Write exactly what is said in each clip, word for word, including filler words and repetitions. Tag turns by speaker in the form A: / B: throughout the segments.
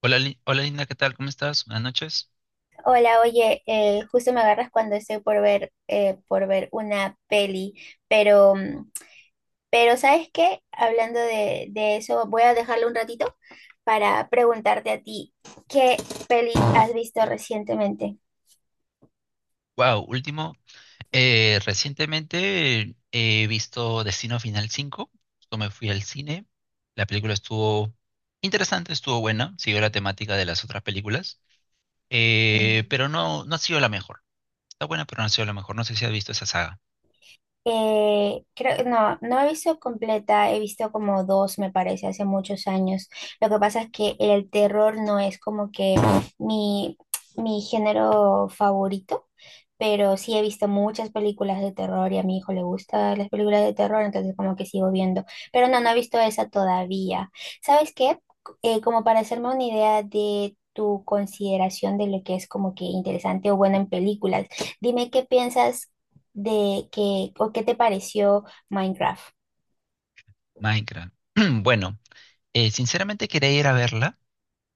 A: Hola, Li- hola Linda, ¿qué tal? ¿Cómo estás? Buenas noches.
B: Hola, oye, eh, justo me agarras cuando estoy por ver, eh, por ver una peli, pero, mm, pero ¿sabes qué? Hablando de, de eso, voy a dejarlo un ratito para preguntarte a ti, ¿qué peli has visto recientemente?
A: Wow, último. eh, recientemente he visto Destino Final cinco. Justo me fui al cine. La película estuvo interesante, estuvo buena. Siguió la temática de las otras películas. eh, pero no, no ha sido la mejor. Está buena, pero no ha sido la mejor. No sé si has visto esa saga.
B: Eh, creo, no, no he visto completa, he visto como dos, me parece, hace muchos años. Lo que pasa es que el terror no es como que mi, mi género favorito, pero sí he visto muchas películas de terror y a mi hijo le gustan las películas de terror, entonces como que sigo viendo. Pero no, no he visto esa todavía. ¿Sabes qué? Eh, como para hacerme una idea de tu consideración de lo que es como que interesante o bueno en películas, dime qué piensas de que, o qué te pareció Minecraft.
A: Minecraft. Bueno, eh, sinceramente quería ir a verla.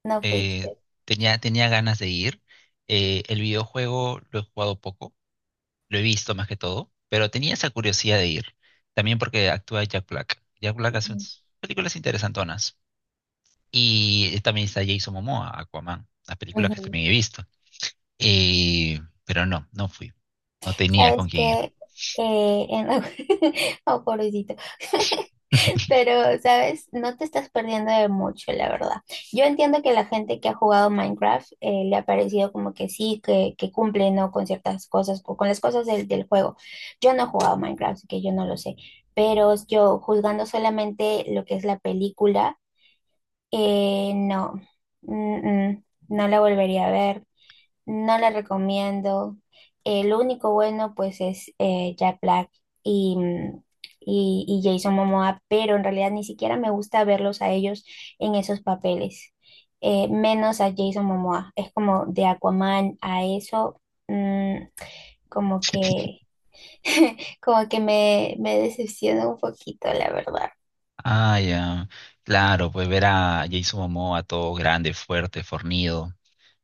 B: No
A: eh,
B: fuiste.
A: tenía, tenía ganas de ir. eh, el videojuego lo he jugado poco. Lo he visto más que todo, pero tenía esa curiosidad de ir. También porque actúa Jack Black. Jack Black hace
B: Ujú,
A: unas películas interesantonas. Y eh, también está Jason Momoa, Aquaman, las películas que
B: ujú.
A: también he visto. Eh, pero no, no fui. No tenía
B: ¿Sabes
A: con quién ir.
B: qué? Eh, en- Oh, pobrecito. Pero, ¿sabes? No te estás perdiendo de mucho, la verdad. Yo entiendo que la gente que ha jugado Minecraft eh, le ha parecido como que sí, que, que cumple, ¿no? Con ciertas cosas, o con las cosas del, del juego. Yo no he jugado Minecraft, así que yo no lo sé. Pero yo, juzgando solamente lo que es la película, Eh, no, Mm, mm, no la volvería a ver, no la recomiendo. El único bueno pues es eh, Jack Black y, mm, y, y Jason Momoa, pero en realidad ni siquiera me gusta verlos a ellos en esos papeles, eh, menos a Jason Momoa. Es como de Aquaman a eso, mm, como que, como que me, me decepciona un poquito, la verdad.
A: Ah, ya. Claro, pues ver a Jason Momoa todo grande, fuerte, fornido.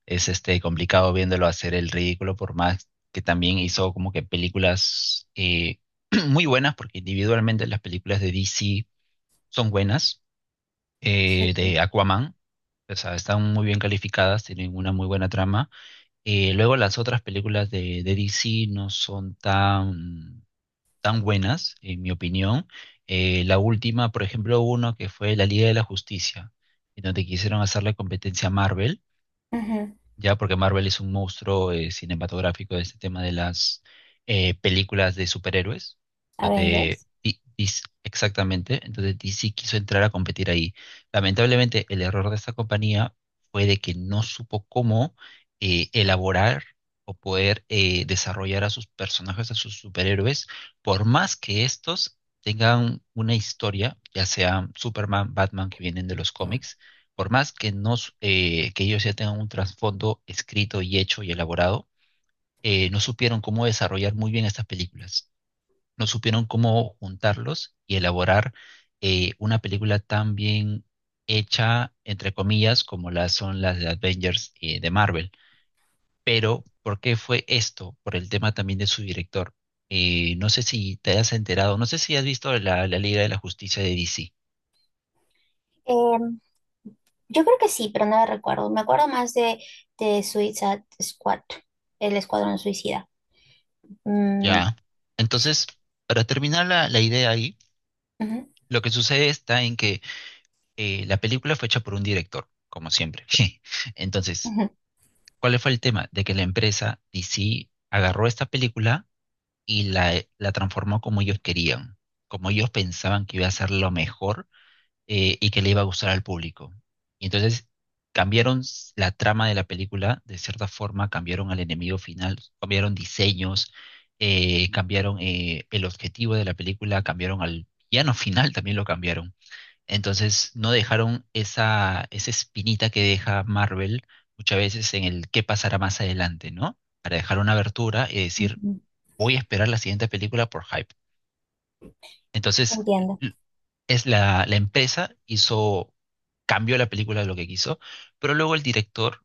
A: Es este complicado viéndolo hacer el ridículo, por más que también hizo como que películas eh, muy buenas, porque individualmente las películas de D C son buenas,
B: Sí,
A: eh,
B: sí.
A: de Aquaman, o sea, están muy bien calificadas, tienen una muy buena trama. Eh, luego las otras películas de, de D C no son tan, tan buenas, en mi opinión. Eh, la última, por ejemplo, uno que fue La Liga de la Justicia, en donde quisieron hacer la competencia a Marvel
B: Ujú.
A: ya porque Marvel es un monstruo eh, cinematográfico de este tema de las eh, películas de superhéroes, donde
B: Avengers.
A: di- dis- exactamente, entonces D C quiso entrar a competir ahí. Lamentablemente, el error de esta compañía fue de que no supo cómo eh, elaborar o poder eh, desarrollar a sus personajes, a sus superhéroes, por más que estos tengan una historia, ya sean Superman, Batman, que vienen de los cómics, por más que, no, s- eh, que ellos ya tengan un trasfondo escrito y hecho y elaborado, eh, no supieron cómo desarrollar muy bien estas películas, no supieron cómo juntarlos y elaborar eh, una película tan bien hecha, entre comillas, como las son las de Avengers eh, de Marvel. Pero, ¿por qué fue esto? Por el tema también de su director. Eh, no sé si te has enterado, no sé si has visto la, la Liga de la Justicia de D C.
B: Em, Yo creo que sí, pero no la recuerdo. Me acuerdo más de, de Suicide Squad, el Escuadrón Suicida. Mm,
A: Ya. Entonces, para terminar la, la idea ahí.
B: ujú,
A: Lo que sucede está en que eh, la película fue hecha por un director, como siempre. Entonces,
B: ujú,
A: ¿cuál fue el tema? De que la empresa D C agarró esta película y la, eh, la transformó como ellos querían, como ellos pensaban que iba a ser lo mejor eh, y que le iba a gustar al público. Y entonces cambiaron la trama de la película, de cierta forma cambiaron al enemigo final, cambiaron diseños, eh, cambiaron eh, el objetivo de la película, cambiaron al villano final, también lo cambiaron. Entonces no dejaron esa, esa espinita que deja Marvel muchas veces en el qué pasará más adelante, ¿no? Para dejar una abertura y decir,
B: ujú.
A: voy a esperar la siguiente película por hype. Entonces,
B: Entiendo.
A: l- es la, la empresa hizo, cambió la película de lo que quiso, pero luego el director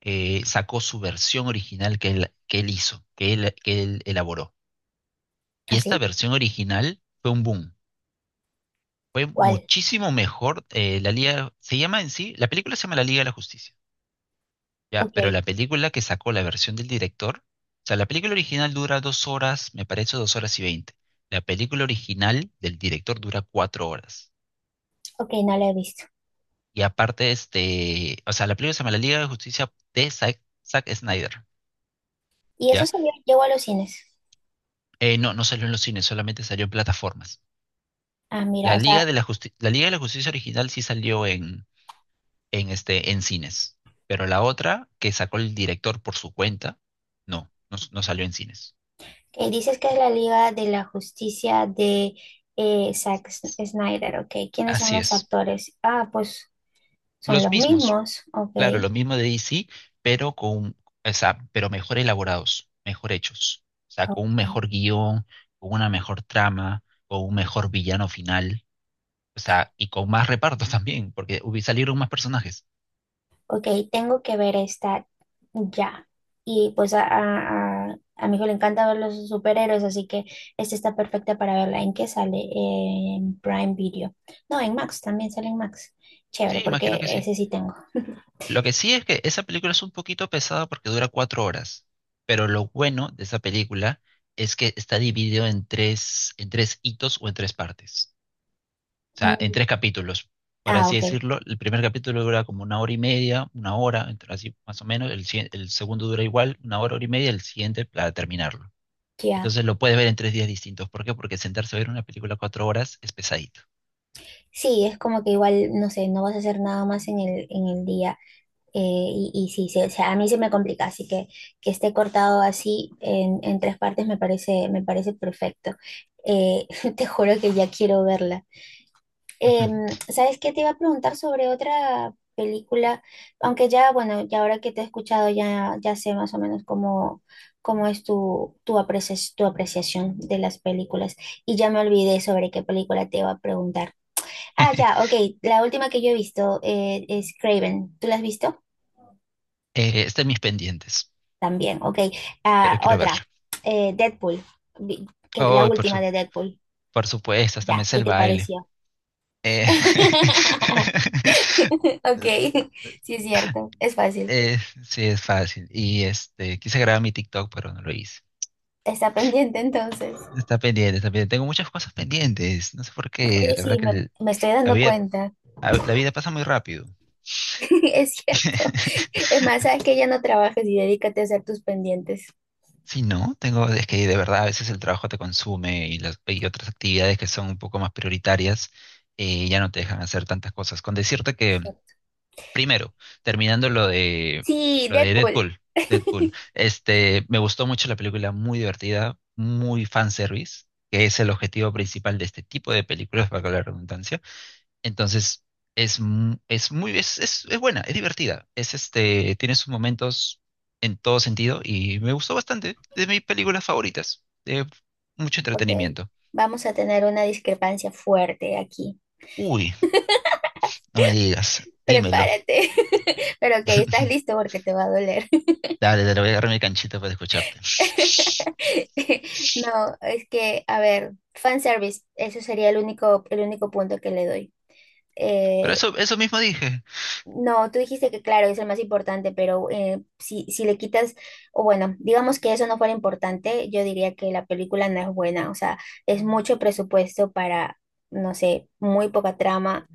A: eh, sacó su versión original que él, que él hizo, que él, que él elaboró. Y esta
B: ¿Así?
A: versión original fue un boom. Fue
B: ¿Cuál?
A: muchísimo mejor. eh, la Liga, se llama en sí, la película se llama La Liga de la Justicia. Ya,
B: Ok,
A: pero la película que sacó la versión del director, o sea, la película original dura dos horas, me parece dos horas y veinte. La película original del director dura cuatro horas.
B: ok, no la he visto.
A: Y aparte, este, o sea, la película se llama La Liga de Justicia de Zack, Zack Snyder,
B: ¿Y eso
A: ¿ya?
B: salió, llegó a los cines?
A: Eh, no, no salió en los cines, solamente salió en plataformas.
B: Ah, mira,
A: La
B: o
A: Liga
B: sea,
A: de la Justi- la Liga de la Justicia original sí salió en, en este, en cines, pero la otra que sacó el director por su cuenta, no, no, no salió en cines.
B: que dices que es la Liga de la Justicia de eh, Zack S- Snyder, ok. ¿Quiénes son
A: Así
B: los
A: es.
B: actores? Ah, pues son
A: Los
B: los
A: mismos.
B: mismos,
A: Claro,
B: ok,
A: lo mismo de D C, pero con, o sea, pero mejor elaborados, mejor hechos. O sea, con un
B: ok.
A: mejor guión, con una mejor trama, con un mejor villano final. O sea, y con más repartos también, porque hubi- salieron más personajes.
B: Ok, tengo que ver esta ya. Y pues a, a, a- a mi hijo le encanta ver los superhéroes, así que esta está perfecta para verla. ¿En qué sale? En Prime Video. No, en Max, también sale en Max. Chévere,
A: Sí, imagino que
B: porque
A: sí.
B: ese sí tengo.
A: Lo que sí es que esa película es un poquito pesada porque dura cuatro horas. Pero lo bueno de esa película es que está dividido en tres, en tres hitos o en tres partes. O sea, en
B: Mm,
A: tres capítulos, por
B: ah,
A: así
B: ok,
A: decirlo. El primer capítulo dura como una hora y media, una hora, entre así más o menos. El, si- el segundo dura igual, una hora, hora y media, el siguiente para terminarlo.
B: ya.
A: Entonces lo puedes ver en tres días distintos. ¿Por qué? Porque sentarse a ver una película cuatro horas es pesadito.
B: Sí, es como que igual, no sé, no vas a hacer nada más en el, en el día. Eh, y, y sí, se- se- a mí se me complica, así que que esté cortado así en, en tres partes me parece, me parece perfecto. Eh, Te juro que ya quiero verla. Em, ¿sabes qué? Te iba a preguntar sobre otra película, aunque ya, bueno, ya ahora que te he escuchado ya, ya sé más o menos cómo, cómo es tu, tu apreciación, tu apreciación de las películas y ya me olvidé sobre qué película te iba a preguntar. Ah, ya, ok, la última que yo he visto eh, es Craven. ¿Tú la has visto?
A: Eh, está en mis pendientes,
B: También, ok.
A: pero
B: Ah,
A: quiero verlo.
B: otra, eh, Deadpool, Vi- que, la
A: Oh, por
B: última
A: su,
B: de Deadpool.
A: por supuesto, hasta me
B: Ya,
A: sé
B: ¿qué
A: el
B: te
A: baile.
B: pareció? Ok, sí es cierto, es fácil.
A: Eh, sí, es fácil. Y este, quise grabar mi TikTok, pero no lo hice.
B: Está pendiente entonces.
A: Está pendiente, está pendiente. Tengo muchas cosas pendientes. No sé por qué.
B: Oye,
A: La
B: sí,
A: verdad que
B: me,
A: el-
B: me estoy
A: la
B: dando
A: vida,
B: cuenta.
A: a- la vida pasa muy rápido.
B: Es cierto. Es más, sabes que ya no trabajes y dedícate a hacer tus pendientes.
A: Sí, no, tengo, es que de verdad a veces el trabajo te consume y las y otras actividades que son un poco más prioritarias eh, ya no te dejan hacer tantas cosas. Con decirte que, primero, terminando lo de
B: Sí,
A: lo de
B: Deadpool.
A: Deadpool, Deadpool, este, me gustó mucho la película, muy divertida, muy fanservice, que es el objetivo principal de este tipo de películas, para la redundancia. Entonces, es, mu- es muy, es, es, es buena, es divertida. Es este, tiene sus momentos en todo sentido y me gustó bastante. De mis películas favoritas. De mucho
B: Ok,
A: entretenimiento.
B: vamos a tener una discrepancia fuerte aquí.
A: Uy, no me digas, dímelo.
B: Prepárate. Pero ok, estás listo porque te va a doler.
A: Dale, dale, voy a agarrar mi canchita para escucharte.
B: No, es que, a ver, fanservice, eso sería el único, el único punto que le doy.
A: Pero
B: Eh,
A: eso, eso mismo dije.
B: no, tú dijiste que claro, es el más importante, pero eh, si, si le quitas, o bueno, digamos que eso no fuera importante, yo diría que la película no es buena, o sea, es mucho presupuesto para, no sé, muy poca trama.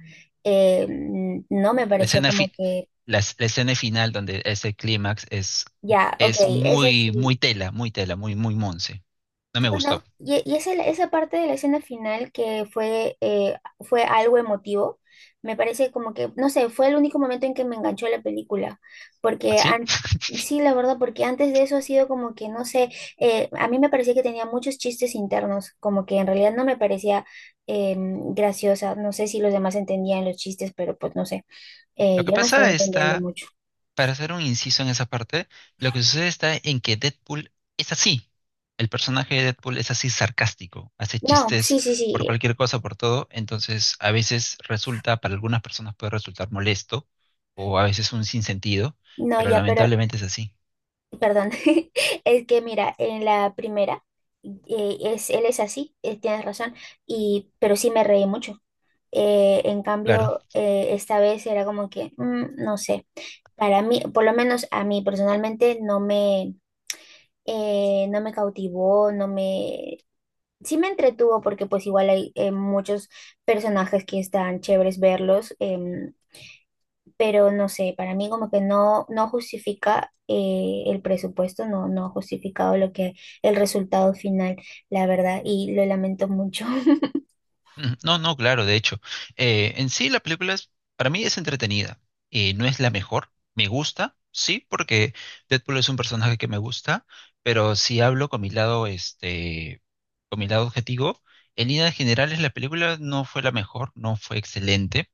B: Eh, no me
A: La
B: pareció
A: escena,
B: como
A: fi-
B: que,
A: la, es- la escena final donde ese clímax es,
B: ya, ok,
A: es
B: esa
A: muy, muy
B: sí.
A: tela, muy tela, muy, muy monse. No me gustó.
B: Bueno, y, y esa, esa parte de la escena final que fue, eh, fue algo emotivo, me parece como que, no sé, fue el único momento en que me enganchó la película, porque
A: ¿Así?
B: an- sí, la verdad, porque antes de eso ha sido como que, no sé, eh, a mí me parecía que tenía muchos chistes internos, como que en realidad no me parecía eh, graciosa, no sé si los demás entendían los chistes, pero pues no sé, eh,
A: Lo que
B: yo no estaba
A: pasa
B: entendiendo
A: está,
B: mucho.
A: para hacer un inciso en esa parte, lo que sucede está en que Deadpool es así. El personaje de Deadpool es así sarcástico, hace
B: No,
A: chistes
B: sí, sí,
A: por
B: sí,
A: cualquier cosa, por todo. Entonces, a veces resulta, para algunas personas puede resultar molesto o a veces un sinsentido,
B: no,
A: pero
B: ya, pero.
A: lamentablemente es así.
B: Perdón, es que mira, en la primera, eh, es, él es así, eh, tienes razón, y, pero sí me reí mucho. Eh, en
A: Claro.
B: cambio, eh, esta vez era como que, mm, no sé, para mí, por lo menos a mí personalmente, no me, eh, no me cautivó, no me. Sí me entretuvo porque pues igual hay eh, muchos personajes que están chéveres verlos, em, pero no sé, para mí como que no, no justifica eh, el presupuesto, no, no ha justificado lo que el resultado final, la verdad, y lo lamento mucho.
A: Ujú. No, no, claro, de hecho. Eh, en sí la película es, para mí es entretenida. Eh, no es la mejor. Me gusta, sí, porque Deadpool es un personaje que me gusta, pero si hablo con mi lado, este, con mi lado objetivo, en líneas generales la película no fue la mejor, no fue excelente,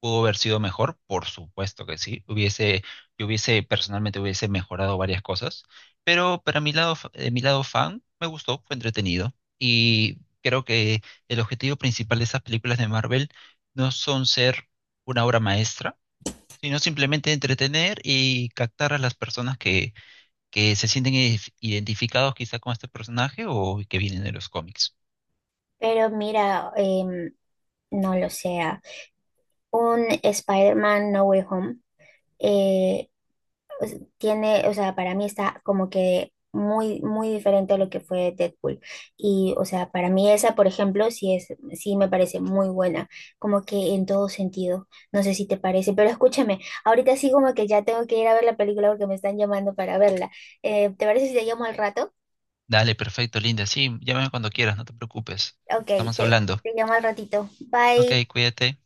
A: pudo haber sido mejor, por supuesto que sí. Hubiese, yo hubiese personalmente hubiese mejorado varias cosas, pero para mi lado, fa- de mi lado fan, me gustó, fue entretenido y creo que el objetivo principal de esas películas de Marvel no son ser una obra maestra, sino simplemente entretener y captar a las personas que, que se sienten identif- identificados quizá con este personaje o que vienen de los cómics.
B: Pero mira, em, no lo sea. Un Spider-Man No Way Home. eh, pues, tiene, o sea, para mí está como que muy, muy diferente a lo que fue Deadpool. Y, o sea, para mí esa, por ejemplo, sí es, sí me parece muy buena, como que en todo sentido. No sé si te parece, pero escúchame, ahorita sí como que ya tengo que ir a ver la película porque me están llamando para verla. Eh, ¿te parece si te llamo al rato?
A: Dale, perfecto, Linda. Sí, llámame cuando quieras, no te preocupes.
B: Ok,
A: Estamos
B: te,
A: hablando.
B: te llamo al ratito.
A: Ok,
B: Bye.
A: cuídate.